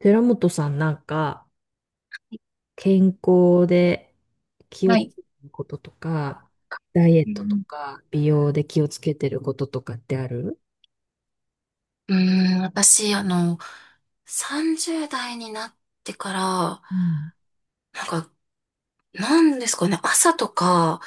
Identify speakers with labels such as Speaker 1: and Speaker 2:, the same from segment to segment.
Speaker 1: 寺本さんなんか健康で気をつけてることとか、ダイエットとか、美容で気をつけてることとかってある？
Speaker 2: うー私、30代になってから、なんか、なんですかね、朝とか、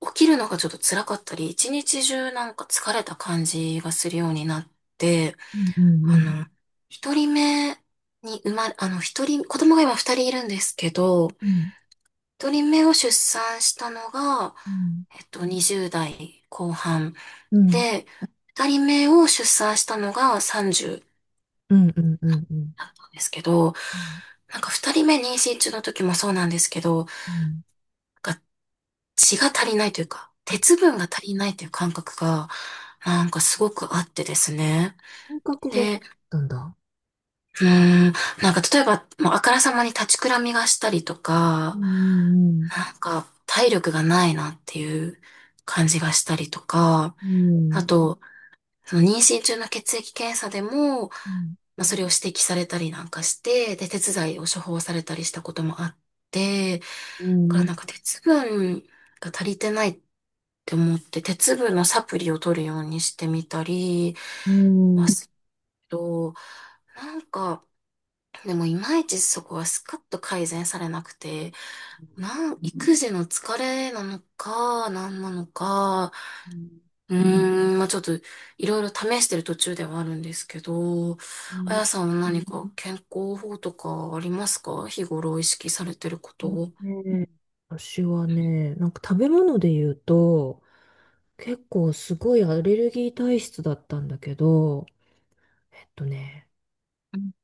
Speaker 2: 起きるのがちょっと辛かったり、一日中なんか疲れた感じがするようになって、
Speaker 1: うんう
Speaker 2: あ
Speaker 1: ん
Speaker 2: の、一人目に生まれ、一人、子供が今二人いるんですけど、
Speaker 1: うん
Speaker 2: 一人目を出産したのが、
Speaker 1: うん
Speaker 2: 20代後半
Speaker 1: うん
Speaker 2: で、二人目を出産したのが30
Speaker 1: うんうんうんうん。
Speaker 2: だったんですけど、
Speaker 1: うん
Speaker 2: なんか二人目妊娠中の時もそうなんですけど、なん
Speaker 1: うんうん、
Speaker 2: か血が足りないというか、
Speaker 1: あ、
Speaker 2: 鉄分が足りないという感覚が、なんかすごくあってですね。
Speaker 1: 感覚があっ
Speaker 2: で、
Speaker 1: たんだ。
Speaker 2: うーん、なんか例えば、もうあからさまに立ちくらみがしたりと
Speaker 1: う
Speaker 2: か、
Speaker 1: ん
Speaker 2: なんか体力がないなっていう感じがしたりとか、
Speaker 1: うんう
Speaker 2: あ
Speaker 1: ん
Speaker 2: と、その妊娠中の血液検査でも、
Speaker 1: うん
Speaker 2: まあ、それを指摘されたりなんかして、で、鉄剤を処方されたりしたこともあって、だ
Speaker 1: う
Speaker 2: から
Speaker 1: ん
Speaker 2: なんか鉄分が足りてないって思って、鉄分のサプリを取るようにしてみたり、
Speaker 1: うん
Speaker 2: ま
Speaker 1: う
Speaker 2: す
Speaker 1: ん
Speaker 2: けなんか、でもいまいちそこはスカッと改善されなくて、育児の疲れなのか、何なのか、
Speaker 1: うん
Speaker 2: まあちょっといろいろ試してる途中ではあるんですけど、
Speaker 1: う
Speaker 2: あ
Speaker 1: ん。
Speaker 2: やさんは何か健康法とかありますか、日頃意識されてることを？
Speaker 1: ね、私はね、なんか食べ物で言うと、結構すごいアレルギー体質だったんだけど、えっとね、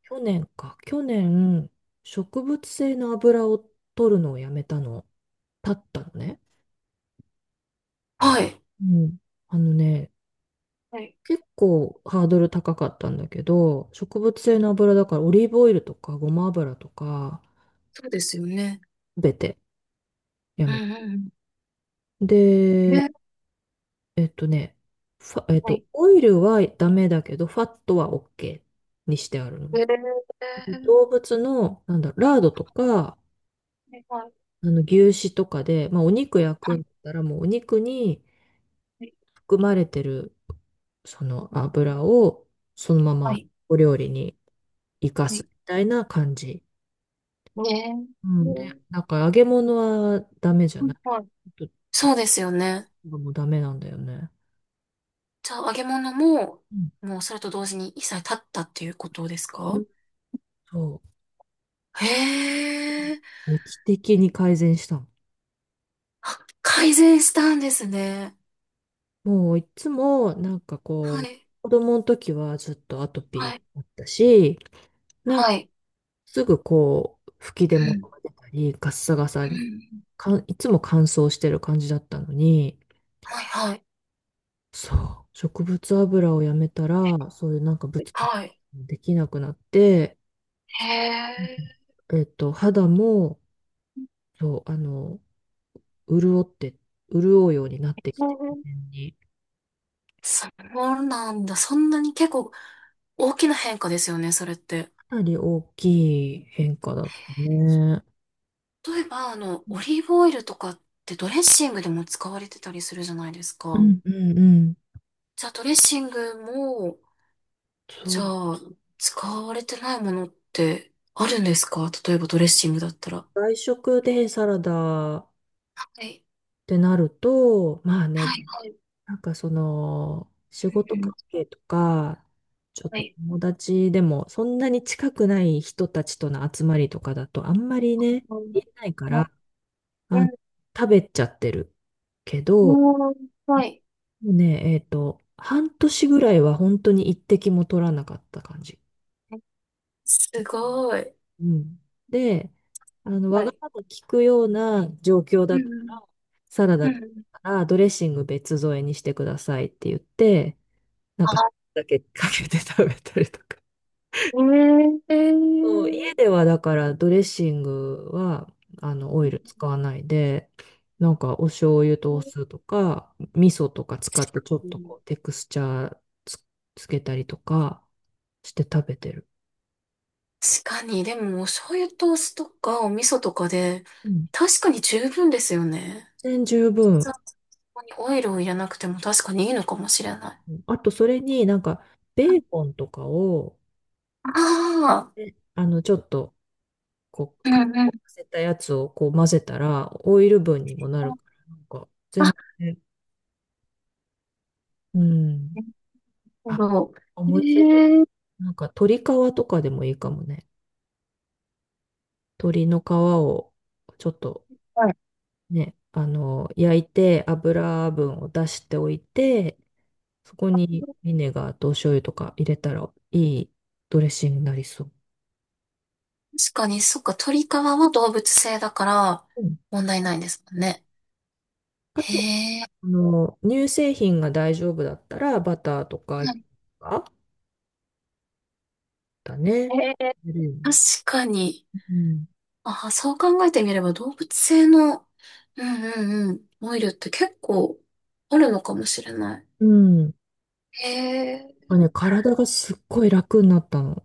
Speaker 1: 去年、植物性の油を取るのをやめたの、たったのね。
Speaker 2: はい。
Speaker 1: うん。あのね、
Speaker 2: はい。
Speaker 1: 結構ハードル高かったんだけど、植物性の油だからオリーブオイルとかごま油とか、
Speaker 2: そうですよね。
Speaker 1: すべてや
Speaker 2: うん
Speaker 1: め。
Speaker 2: うんうん。
Speaker 1: で、えっとね、ファえっ
Speaker 2: は
Speaker 1: と、
Speaker 2: い。
Speaker 1: オイルはダメだけど、ファットは OK にしてあるの。動物の、なんだろう、ラードとか、
Speaker 2: はい。
Speaker 1: あの、牛脂とかで、まあ、お肉焼くんだったら、もうお肉に含まれてる、その油を、そのままお料理に生かすみたいな感じ。うん。で、なんか揚げ物はダメじゃない。ちょっ
Speaker 2: そうですよね。
Speaker 1: ともうダメなんだよね。
Speaker 2: じゃあ揚げ物も、
Speaker 1: うん。
Speaker 2: もうそれと同時に一切立ったっていうことですか？
Speaker 1: そう。
Speaker 2: へえ。
Speaker 1: 劇的に改善したの。
Speaker 2: あ、改善したんですね。
Speaker 1: もういつも、なんか
Speaker 2: は
Speaker 1: こう、
Speaker 2: い。
Speaker 1: 子供の時はずっとアトピー
Speaker 2: はい。
Speaker 1: だったし、なんか
Speaker 2: はい。
Speaker 1: すぐこう、吹き出
Speaker 2: う
Speaker 1: 物
Speaker 2: ん。
Speaker 1: が出たり、ガッサガサ
Speaker 2: う
Speaker 1: に、
Speaker 2: ん。
Speaker 1: いつも乾燥してる感じだったのに、
Speaker 2: はいはい。
Speaker 1: そう、植物油をやめたら、そういうなんかブツブツ
Speaker 2: はい。
Speaker 1: できなくなって、
Speaker 2: へえ。
Speaker 1: うん、肌も、そう、あの、潤って、潤うようになってきて、自然に
Speaker 2: そうなんだ。そんなに結構大きな変化ですよね、それって。
Speaker 1: かなり大きい変化だったね。
Speaker 2: 例えば、オリーブオイルとかってドレッシングでも使われてたりするじゃないです
Speaker 1: う
Speaker 2: か。
Speaker 1: んうんうん。
Speaker 2: じゃあ、ドレッシングも、
Speaker 1: そ
Speaker 2: じゃ
Speaker 1: う、
Speaker 2: あ、使われてないものってあるんですか、例えばドレッシングだったら？は
Speaker 1: 外食でサラダっ
Speaker 2: い。
Speaker 1: てなると、まあ
Speaker 2: は
Speaker 1: ね、
Speaker 2: い。
Speaker 1: なんかその、仕事関係とか、ちょっと友達でも、そんなに近くない人たちとの集まりとかだと、あんまりね、言えないから、あ、食べちゃってるけど、もうね、半年ぐらいは本当に一滴も取らなかった感じ。
Speaker 2: すごい。
Speaker 1: うん。で、あの、わ
Speaker 2: は
Speaker 1: が
Speaker 2: い。
Speaker 1: まま聞くような状況
Speaker 2: う
Speaker 1: だった
Speaker 2: ん
Speaker 1: ら、サラ
Speaker 2: う
Speaker 1: ダだっ
Speaker 2: ん。
Speaker 1: たらドレッシング別添えにしてくださいって言って、なんか、だけかけて食べたりとか。
Speaker 2: ええ
Speaker 1: そう、家
Speaker 2: ー、
Speaker 1: ではだからドレッシングはあのオイル使わないで、なんかお醤油とお酢とか、味噌とか使ってちょっとこうテクスチャーつ、つけたりとかして食べてる。
Speaker 2: 確かに、でも、お醤油とお酢とかお味噌とかで、
Speaker 1: うん。
Speaker 2: 確かに十分ですよね。
Speaker 1: 全然十分。
Speaker 2: そう、そこにオイルを入れなくても確かにいいのかもしれない。
Speaker 1: あとそれになんかベーコンとかを、
Speaker 2: ああ、
Speaker 1: えあのちょっとこう、
Speaker 2: う
Speaker 1: かか
Speaker 2: んうん。
Speaker 1: せたやつをこう混ぜたらオイル分にもなるから、なんか、
Speaker 2: あ、確
Speaker 1: ね。うん。あ、思いついた。なんか鶏皮とかでもいいかもね。鶏の皮をちょっとね、あの、焼いて油分を出しておいて、そこにビネガーとお醤油とか入れたらいいドレッシングになりそう。
Speaker 2: かに、そっか、鳥皮は動物性だから
Speaker 1: うん。
Speaker 2: 問題ないんですもんね。
Speaker 1: あと、
Speaker 2: へえ、
Speaker 1: あの、乳製品が大丈夫だったらバターとかあだね。入るよ
Speaker 2: 確
Speaker 1: ね。
Speaker 2: かに。
Speaker 1: うん。
Speaker 2: あ、そう考えてみれば動物性の、うんうんうん、オイルって結構あるのかもしれない。
Speaker 1: うん。なん
Speaker 2: へえ。
Speaker 1: かね、体がすっごい楽になったの。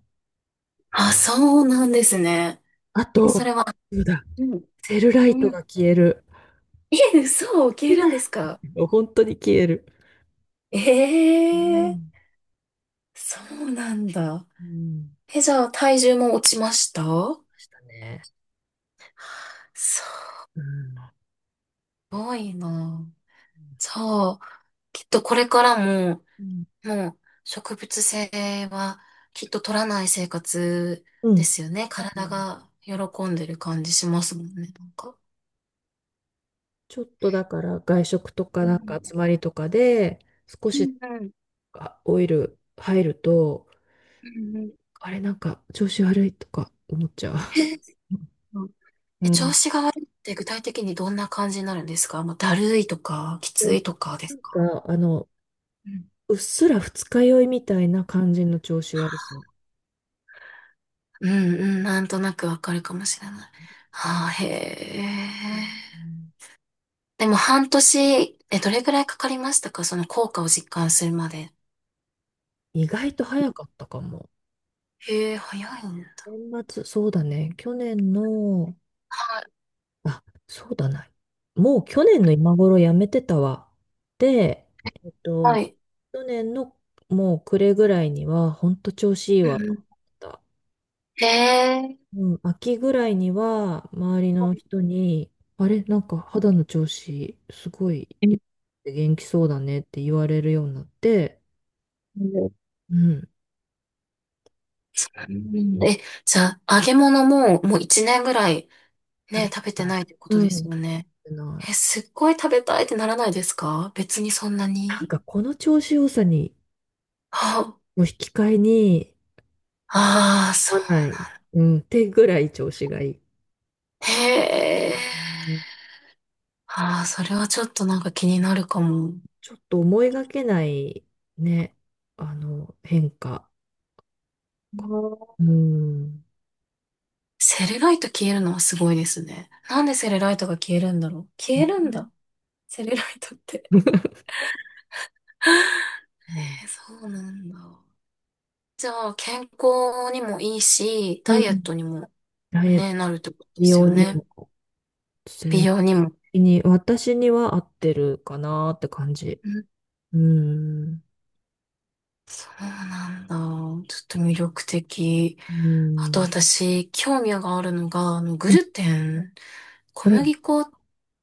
Speaker 2: あ、そうなんですね。
Speaker 1: あ
Speaker 2: えそ
Speaker 1: と、
Speaker 2: れは、
Speaker 1: そうだ、セルライトが消える。
Speaker 2: え、嘘を受け入
Speaker 1: セ
Speaker 2: れ
Speaker 1: ル
Speaker 2: る
Speaker 1: ラ
Speaker 2: ん
Speaker 1: イ
Speaker 2: ですか？
Speaker 1: ト本当に消える。
Speaker 2: え
Speaker 1: う
Speaker 2: え、
Speaker 1: ん。
Speaker 2: そうなんだ。
Speaker 1: うん。
Speaker 2: え、じゃあ体重も落ちました？
Speaker 1: ましたね。
Speaker 2: す
Speaker 1: うん。
Speaker 2: ごいな。じゃあ、きっとこれからも、
Speaker 1: うん。
Speaker 2: もう植物性はきっと取らない生活
Speaker 1: う
Speaker 2: で
Speaker 1: ん。
Speaker 2: すよね。
Speaker 1: う
Speaker 2: 体
Speaker 1: ん。
Speaker 2: が喜んでる感じしますもんね、なんか。
Speaker 1: ちょっとだから外食とか
Speaker 2: う
Speaker 1: なんか
Speaker 2: ん
Speaker 1: 集まりとかで少
Speaker 2: う
Speaker 1: し
Speaker 2: ん
Speaker 1: オイル入ると、
Speaker 2: うんうん、
Speaker 1: あれなんか調子悪いとか思っちゃう。
Speaker 2: え、そう、
Speaker 1: う
Speaker 2: え、
Speaker 1: ん。う
Speaker 2: 調
Speaker 1: ん、
Speaker 2: 子が悪いって具体的にどんな感じになるんですか、もうだるいとか、きついとかで
Speaker 1: な
Speaker 2: す
Speaker 1: ん
Speaker 2: か？
Speaker 1: かあの、
Speaker 2: うん、
Speaker 1: うっすら二日酔いみたいな感じの調子悪さ。う
Speaker 2: うん、うん、なんとなくわかるかもしれない。はあ、へ
Speaker 1: ん。
Speaker 2: え。でも半年、どれぐらいかかりましたか、その効果を実感するまで？
Speaker 1: 意外と早かったかも。
Speaker 2: へえ、早いんだ。
Speaker 1: 年末、そうだね。去年の、あ、そうだな。もう去年の今頃やめてたわ。で、えっ
Speaker 2: は
Speaker 1: と、
Speaker 2: い。
Speaker 1: 去年のもう暮れぐらいには、ほんと調子いい
Speaker 2: う
Speaker 1: わ
Speaker 2: んう
Speaker 1: と思っ
Speaker 2: ん、
Speaker 1: た。
Speaker 2: へえ、
Speaker 1: うん、秋ぐらいには、周りの人に、あれ、なんか肌の調子、すごい元気そうだねって言われるようになって、うん、
Speaker 2: そうなんだ。え、じゃあ、揚げ物ももう一年ぐらい
Speaker 1: 食
Speaker 2: ね、
Speaker 1: べ
Speaker 2: 食べて
Speaker 1: た
Speaker 2: な
Speaker 1: い。
Speaker 2: いってこと
Speaker 1: うん、
Speaker 2: ですよ
Speaker 1: 食
Speaker 2: ね。
Speaker 1: べな
Speaker 2: え、
Speaker 1: い。
Speaker 2: すっごい食べたいってならないですか、別にそんな
Speaker 1: なん
Speaker 2: に？
Speaker 1: かこの調子良さに、
Speaker 2: あ、
Speaker 1: を引き換えに、
Speaker 2: ああ、そ
Speaker 1: 思わない。うん、ってぐらい調子がいい。
Speaker 2: う。
Speaker 1: う
Speaker 2: へえ。
Speaker 1: ん。
Speaker 2: ああ、それはちょっとなんか気になるかも。
Speaker 1: ちょっと思いがけないね、あの、変化。うん。
Speaker 2: セレライト消えるのはすごいですね。なんでセレライトが消えるんだろう。
Speaker 1: う
Speaker 2: 消えるん
Speaker 1: ん
Speaker 2: だ。セレライトって。え、そうなんだ。じゃあ、健康にもいいし、ダ
Speaker 1: う
Speaker 2: イエッ
Speaker 1: ん、
Speaker 2: トにも
Speaker 1: ダイエット
Speaker 2: ね、なるってことです
Speaker 1: 用
Speaker 2: よ
Speaker 1: に
Speaker 2: ね。
Speaker 1: も、
Speaker 2: 美
Speaker 1: 全
Speaker 2: 容にも。
Speaker 1: 然に、私には合ってるかなって感じ。
Speaker 2: うん、
Speaker 1: うん。
Speaker 2: そうなんだ。ちょっと魅力的。
Speaker 1: う
Speaker 2: あと
Speaker 1: ん。
Speaker 2: 私、興味があるのが、グ
Speaker 1: うん。
Speaker 2: ルテン。
Speaker 1: う
Speaker 2: 小
Speaker 1: ん。
Speaker 2: 麦粉っ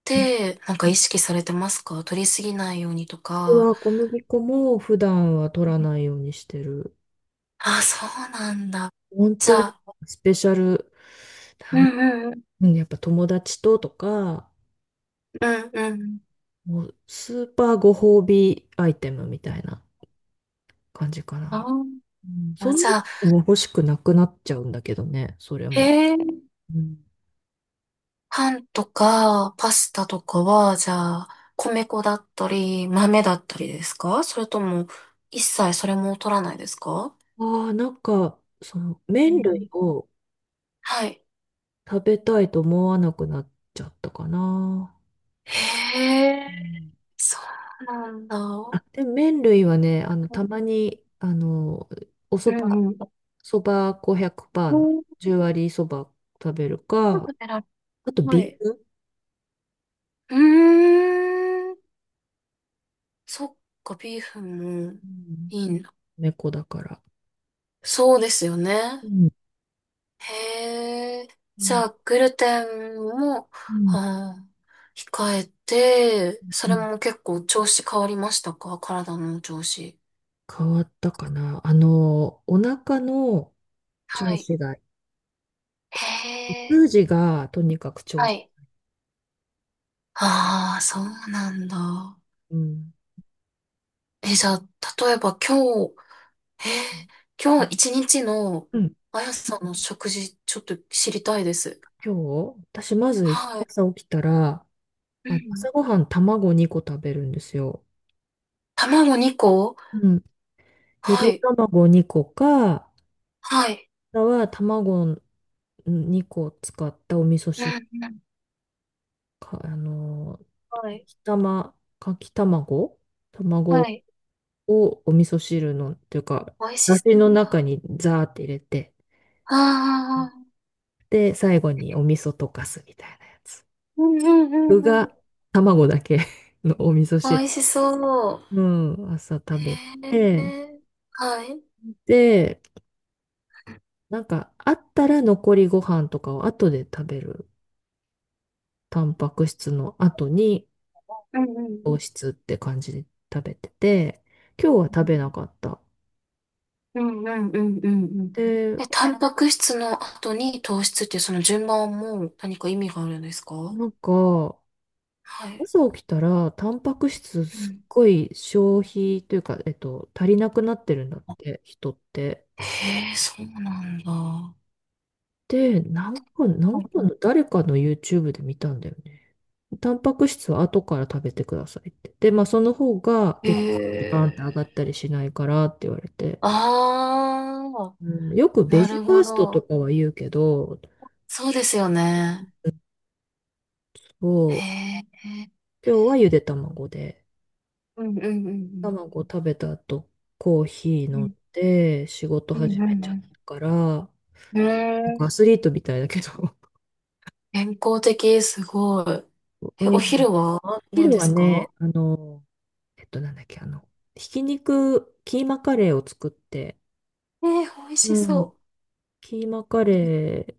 Speaker 2: て、なんか意識されてますか、取りすぎないようにと
Speaker 1: 私
Speaker 2: か？
Speaker 1: は小麦粉も普段は取らないようにしてる。
Speaker 2: あ、そうなんだ。
Speaker 1: 本
Speaker 2: じ
Speaker 1: 当
Speaker 2: ゃ
Speaker 1: に
Speaker 2: あ、
Speaker 1: スペシャル、
Speaker 2: うんうん
Speaker 1: なんやっぱ友達ととか、
Speaker 2: うんうんうん、
Speaker 1: もうスーパーご褒美アイテムみたいな感じか
Speaker 2: あ
Speaker 1: な。
Speaker 2: ー
Speaker 1: うん、そ
Speaker 2: あ、
Speaker 1: ん
Speaker 2: じ
Speaker 1: な
Speaker 2: ゃあ、
Speaker 1: のも欲しくなくなっちゃうんだけどね、それ
Speaker 2: へ
Speaker 1: も。
Speaker 2: え、
Speaker 1: うん、
Speaker 2: パンとかパスタとかは、じゃあ、米粉だったり、豆だったりですか、それとも、一切それも取らないですか？
Speaker 1: ああ、なんか、その
Speaker 2: う
Speaker 1: 麺類
Speaker 2: ん、
Speaker 1: を
Speaker 2: はい。
Speaker 1: 食べたいと思わなくなっちゃったかな。
Speaker 2: へ
Speaker 1: う
Speaker 2: え、
Speaker 1: ん、
Speaker 2: そうなんだ。う
Speaker 1: あ、でも麺類はね、あの、たまに、あの、お
Speaker 2: ん
Speaker 1: そば
Speaker 2: うん。
Speaker 1: そば5 100%の10割そば食べるか、あと
Speaker 2: は
Speaker 1: ビー
Speaker 2: い。
Speaker 1: フ、
Speaker 2: うーん。そっか、ビーフンも
Speaker 1: うん、
Speaker 2: いいんだ。
Speaker 1: 猫だから。
Speaker 2: そうですよ
Speaker 1: う
Speaker 2: ね。
Speaker 1: ん
Speaker 2: へえ。
Speaker 1: う
Speaker 2: じゃ
Speaker 1: ん
Speaker 2: あ、グルテンも、あ控えて、そ
Speaker 1: う
Speaker 2: れ
Speaker 1: ん、
Speaker 2: も結構調子変わりましたか、体の調子？
Speaker 1: 変わったかな。あの、お腹の
Speaker 2: は
Speaker 1: 調
Speaker 2: い。
Speaker 1: 子が、
Speaker 2: へえ。
Speaker 1: 通じがとにかく調
Speaker 2: は
Speaker 1: 子。
Speaker 2: い。ああ、そうなんだ。
Speaker 1: うん。
Speaker 2: え、じゃあ、例えば今日、え今日一日の
Speaker 1: うん。
Speaker 2: あやさんの食事、ちょっと知りたいです。
Speaker 1: 今日、私まず
Speaker 2: はい。
Speaker 1: 朝起きたら、
Speaker 2: うん。
Speaker 1: 朝ごはん卵2個食べるんですよ。
Speaker 2: 卵2個、
Speaker 1: うん。ゆ
Speaker 2: は
Speaker 1: で
Speaker 2: い。
Speaker 1: 卵2個か、あ
Speaker 2: はい。
Speaker 1: とは卵2個使ったお味噌
Speaker 2: う
Speaker 1: 汁
Speaker 2: んうん。
Speaker 1: か、あの、
Speaker 2: はい。
Speaker 1: かき卵
Speaker 2: は
Speaker 1: 卵
Speaker 2: い。
Speaker 1: をお味噌汁の、というか、
Speaker 2: 美味
Speaker 1: だ
Speaker 2: し
Speaker 1: し
Speaker 2: そう。
Speaker 1: の中にザーって入れて。
Speaker 2: ああ。
Speaker 1: で、最後にお味噌溶かすみたいなやつ。
Speaker 2: うんうんう
Speaker 1: 具
Speaker 2: んうん。
Speaker 1: が卵だけ のお味噌汁。
Speaker 2: 美味しそう。
Speaker 1: うん、朝食べ
Speaker 2: へ
Speaker 1: て、
Speaker 2: え。はい。
Speaker 1: で、なんかあったら残りご飯とかを後で食べる。タンパク質の後に
Speaker 2: うん
Speaker 1: 糖質って感じで食べてて、今日は食べなかった。
Speaker 2: うんうんうんうんうんうん。
Speaker 1: で、
Speaker 2: え、タンパク質の後に糖質っていうその順番はもう何か意味があるんですか？
Speaker 1: なんか、
Speaker 2: はい。
Speaker 1: 朝起きたら、タンパク質
Speaker 2: う
Speaker 1: すっ
Speaker 2: ん、
Speaker 1: ごい消費というか、足りなくなってるんだって、人って。
Speaker 2: へえ、そうなんだ。
Speaker 1: で、なんかの誰かの YouTube で見たんだよね。タンパク質は後から食べてくださいって。で、まあその方が
Speaker 2: へ
Speaker 1: 血糖値バーン
Speaker 2: え。
Speaker 1: って上がったりしないからって言われて。
Speaker 2: ああ、
Speaker 1: うん、よくベ
Speaker 2: な
Speaker 1: ジ
Speaker 2: る
Speaker 1: ファ
Speaker 2: ほ
Speaker 1: ーストと
Speaker 2: ど。
Speaker 1: かは言うけど、
Speaker 2: そうですよ
Speaker 1: う
Speaker 2: ね。
Speaker 1: ん、
Speaker 2: へ
Speaker 1: そ
Speaker 2: え。
Speaker 1: う、今日はゆで卵で、
Speaker 2: うんうんうん
Speaker 1: 卵食べた後、コーヒー
Speaker 2: う
Speaker 1: 飲ん
Speaker 2: ん
Speaker 1: で仕事
Speaker 2: うん
Speaker 1: 始
Speaker 2: う
Speaker 1: め
Speaker 2: んう
Speaker 1: ちゃっ
Speaker 2: ん
Speaker 1: たから、な
Speaker 2: う
Speaker 1: んかア
Speaker 2: ん。
Speaker 1: スリートみたいだけど。
Speaker 2: 健康的、すごい。え、
Speaker 1: う
Speaker 2: お
Speaker 1: ん。
Speaker 2: 昼は 何
Speaker 1: 昼
Speaker 2: で
Speaker 1: は
Speaker 2: すか？
Speaker 1: ね、あの、なんだっけ、あの、ひき肉、キーマカレーを作って、
Speaker 2: 美味し
Speaker 1: うん。
Speaker 2: そ
Speaker 1: キーマカレー、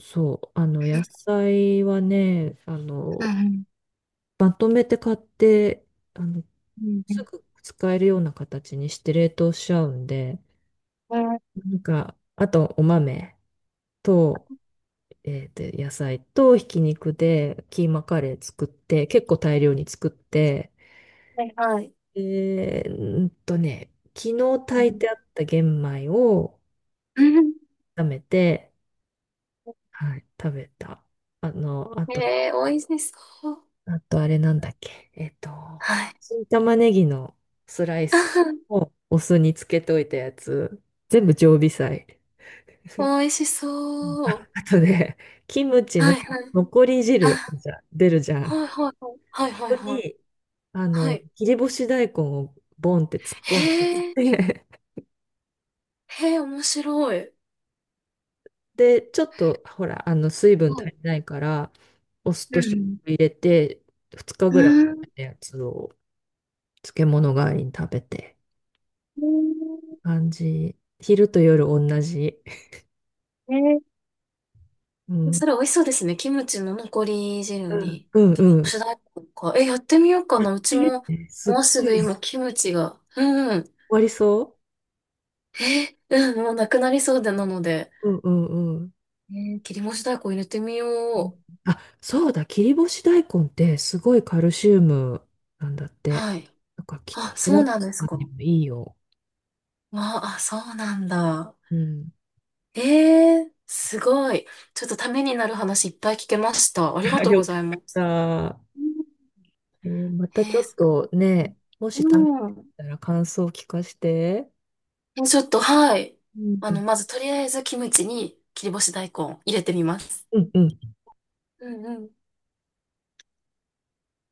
Speaker 1: そう、あの、野菜はね、あ
Speaker 2: う。う
Speaker 1: の、
Speaker 2: ん、
Speaker 1: まとめて買って、あの、すぐ使えるような形にして冷凍しちゃうんで、なんか、あと、お豆と、野菜とひき肉でキーマカレー作って、結構大量に作って、
Speaker 2: はいはい。
Speaker 1: えーんとね、昨日
Speaker 2: う
Speaker 1: 炊いてあった玄米を、
Speaker 2: ん、
Speaker 1: 炒めて、はい、食べた。あの、あと、
Speaker 2: 美味しそう。
Speaker 1: あとあれなんだっけ。
Speaker 2: はい。
Speaker 1: 新玉ねぎのスライス をお酢につけといたやつ、全部常備菜。
Speaker 2: 美 味しそ
Speaker 1: あ、
Speaker 2: う。
Speaker 1: あとね、キムチ
Speaker 2: は
Speaker 1: の
Speaker 2: いはい。
Speaker 1: 残り汁
Speaker 2: あ、
Speaker 1: じゃ出るじゃ
Speaker 2: は
Speaker 1: ん。
Speaker 2: いはいはい。はいはい
Speaker 1: ここ
Speaker 2: はい。
Speaker 1: に、あ
Speaker 2: は
Speaker 1: の、
Speaker 2: い。
Speaker 1: 切り干し大根をボンって突っ込ん
Speaker 2: へえ、
Speaker 1: で、
Speaker 2: へえ、面白い。
Speaker 1: で、ちょっと、ほら、あの、水分
Speaker 2: は
Speaker 1: 足
Speaker 2: い。
Speaker 1: りないから、お酢
Speaker 2: う
Speaker 1: と醤
Speaker 2: ん
Speaker 1: 油入れて、2日
Speaker 2: う
Speaker 1: ぐらい
Speaker 2: ん。
Speaker 1: のやつを漬物代わりに食べて、感じ。昼と夜同じ。うん。
Speaker 2: それ美味しそうですね。キムチの残り汁
Speaker 1: うん、
Speaker 2: に。
Speaker 1: うん。う
Speaker 2: 主
Speaker 1: ん、
Speaker 2: 題歌か。え、やってみようかな。うちも、
Speaker 1: すっ
Speaker 2: もうす
Speaker 1: ごい、
Speaker 2: ぐ
Speaker 1: 終
Speaker 2: 今、キムチが。うんうん。
Speaker 1: わりそ
Speaker 2: え、うん、もうなくなりそうでなので、
Speaker 1: う。うん、うん、うん。
Speaker 2: 切り干し大根入れてみよう。
Speaker 1: あ、そうだ、切り干し大根ってすごいカルシウムなんだって。
Speaker 2: はい。
Speaker 1: なんか、きっと、
Speaker 2: あ、そ
Speaker 1: 選
Speaker 2: うなんです
Speaker 1: ぶの
Speaker 2: か。
Speaker 1: にもいいよ。
Speaker 2: あ、あ、そうなんだ。
Speaker 1: うん。
Speaker 2: すごい。ちょっとためになる話いっぱい聞けました。ありが
Speaker 1: あ、
Speaker 2: とう
Speaker 1: よ
Speaker 2: ご
Speaker 1: かっ
Speaker 2: ざいます。
Speaker 1: た。ま
Speaker 2: え
Speaker 1: たちょっ
Speaker 2: ー、
Speaker 1: とね、も
Speaker 2: う
Speaker 1: し試して
Speaker 2: ん。
Speaker 1: たら感想を聞かせて。
Speaker 2: え、ちょっと、はい。
Speaker 1: うん。
Speaker 2: まずとりあえずキムチに切り干し大根入れてみます。
Speaker 1: うん、うん。
Speaker 2: うんうん。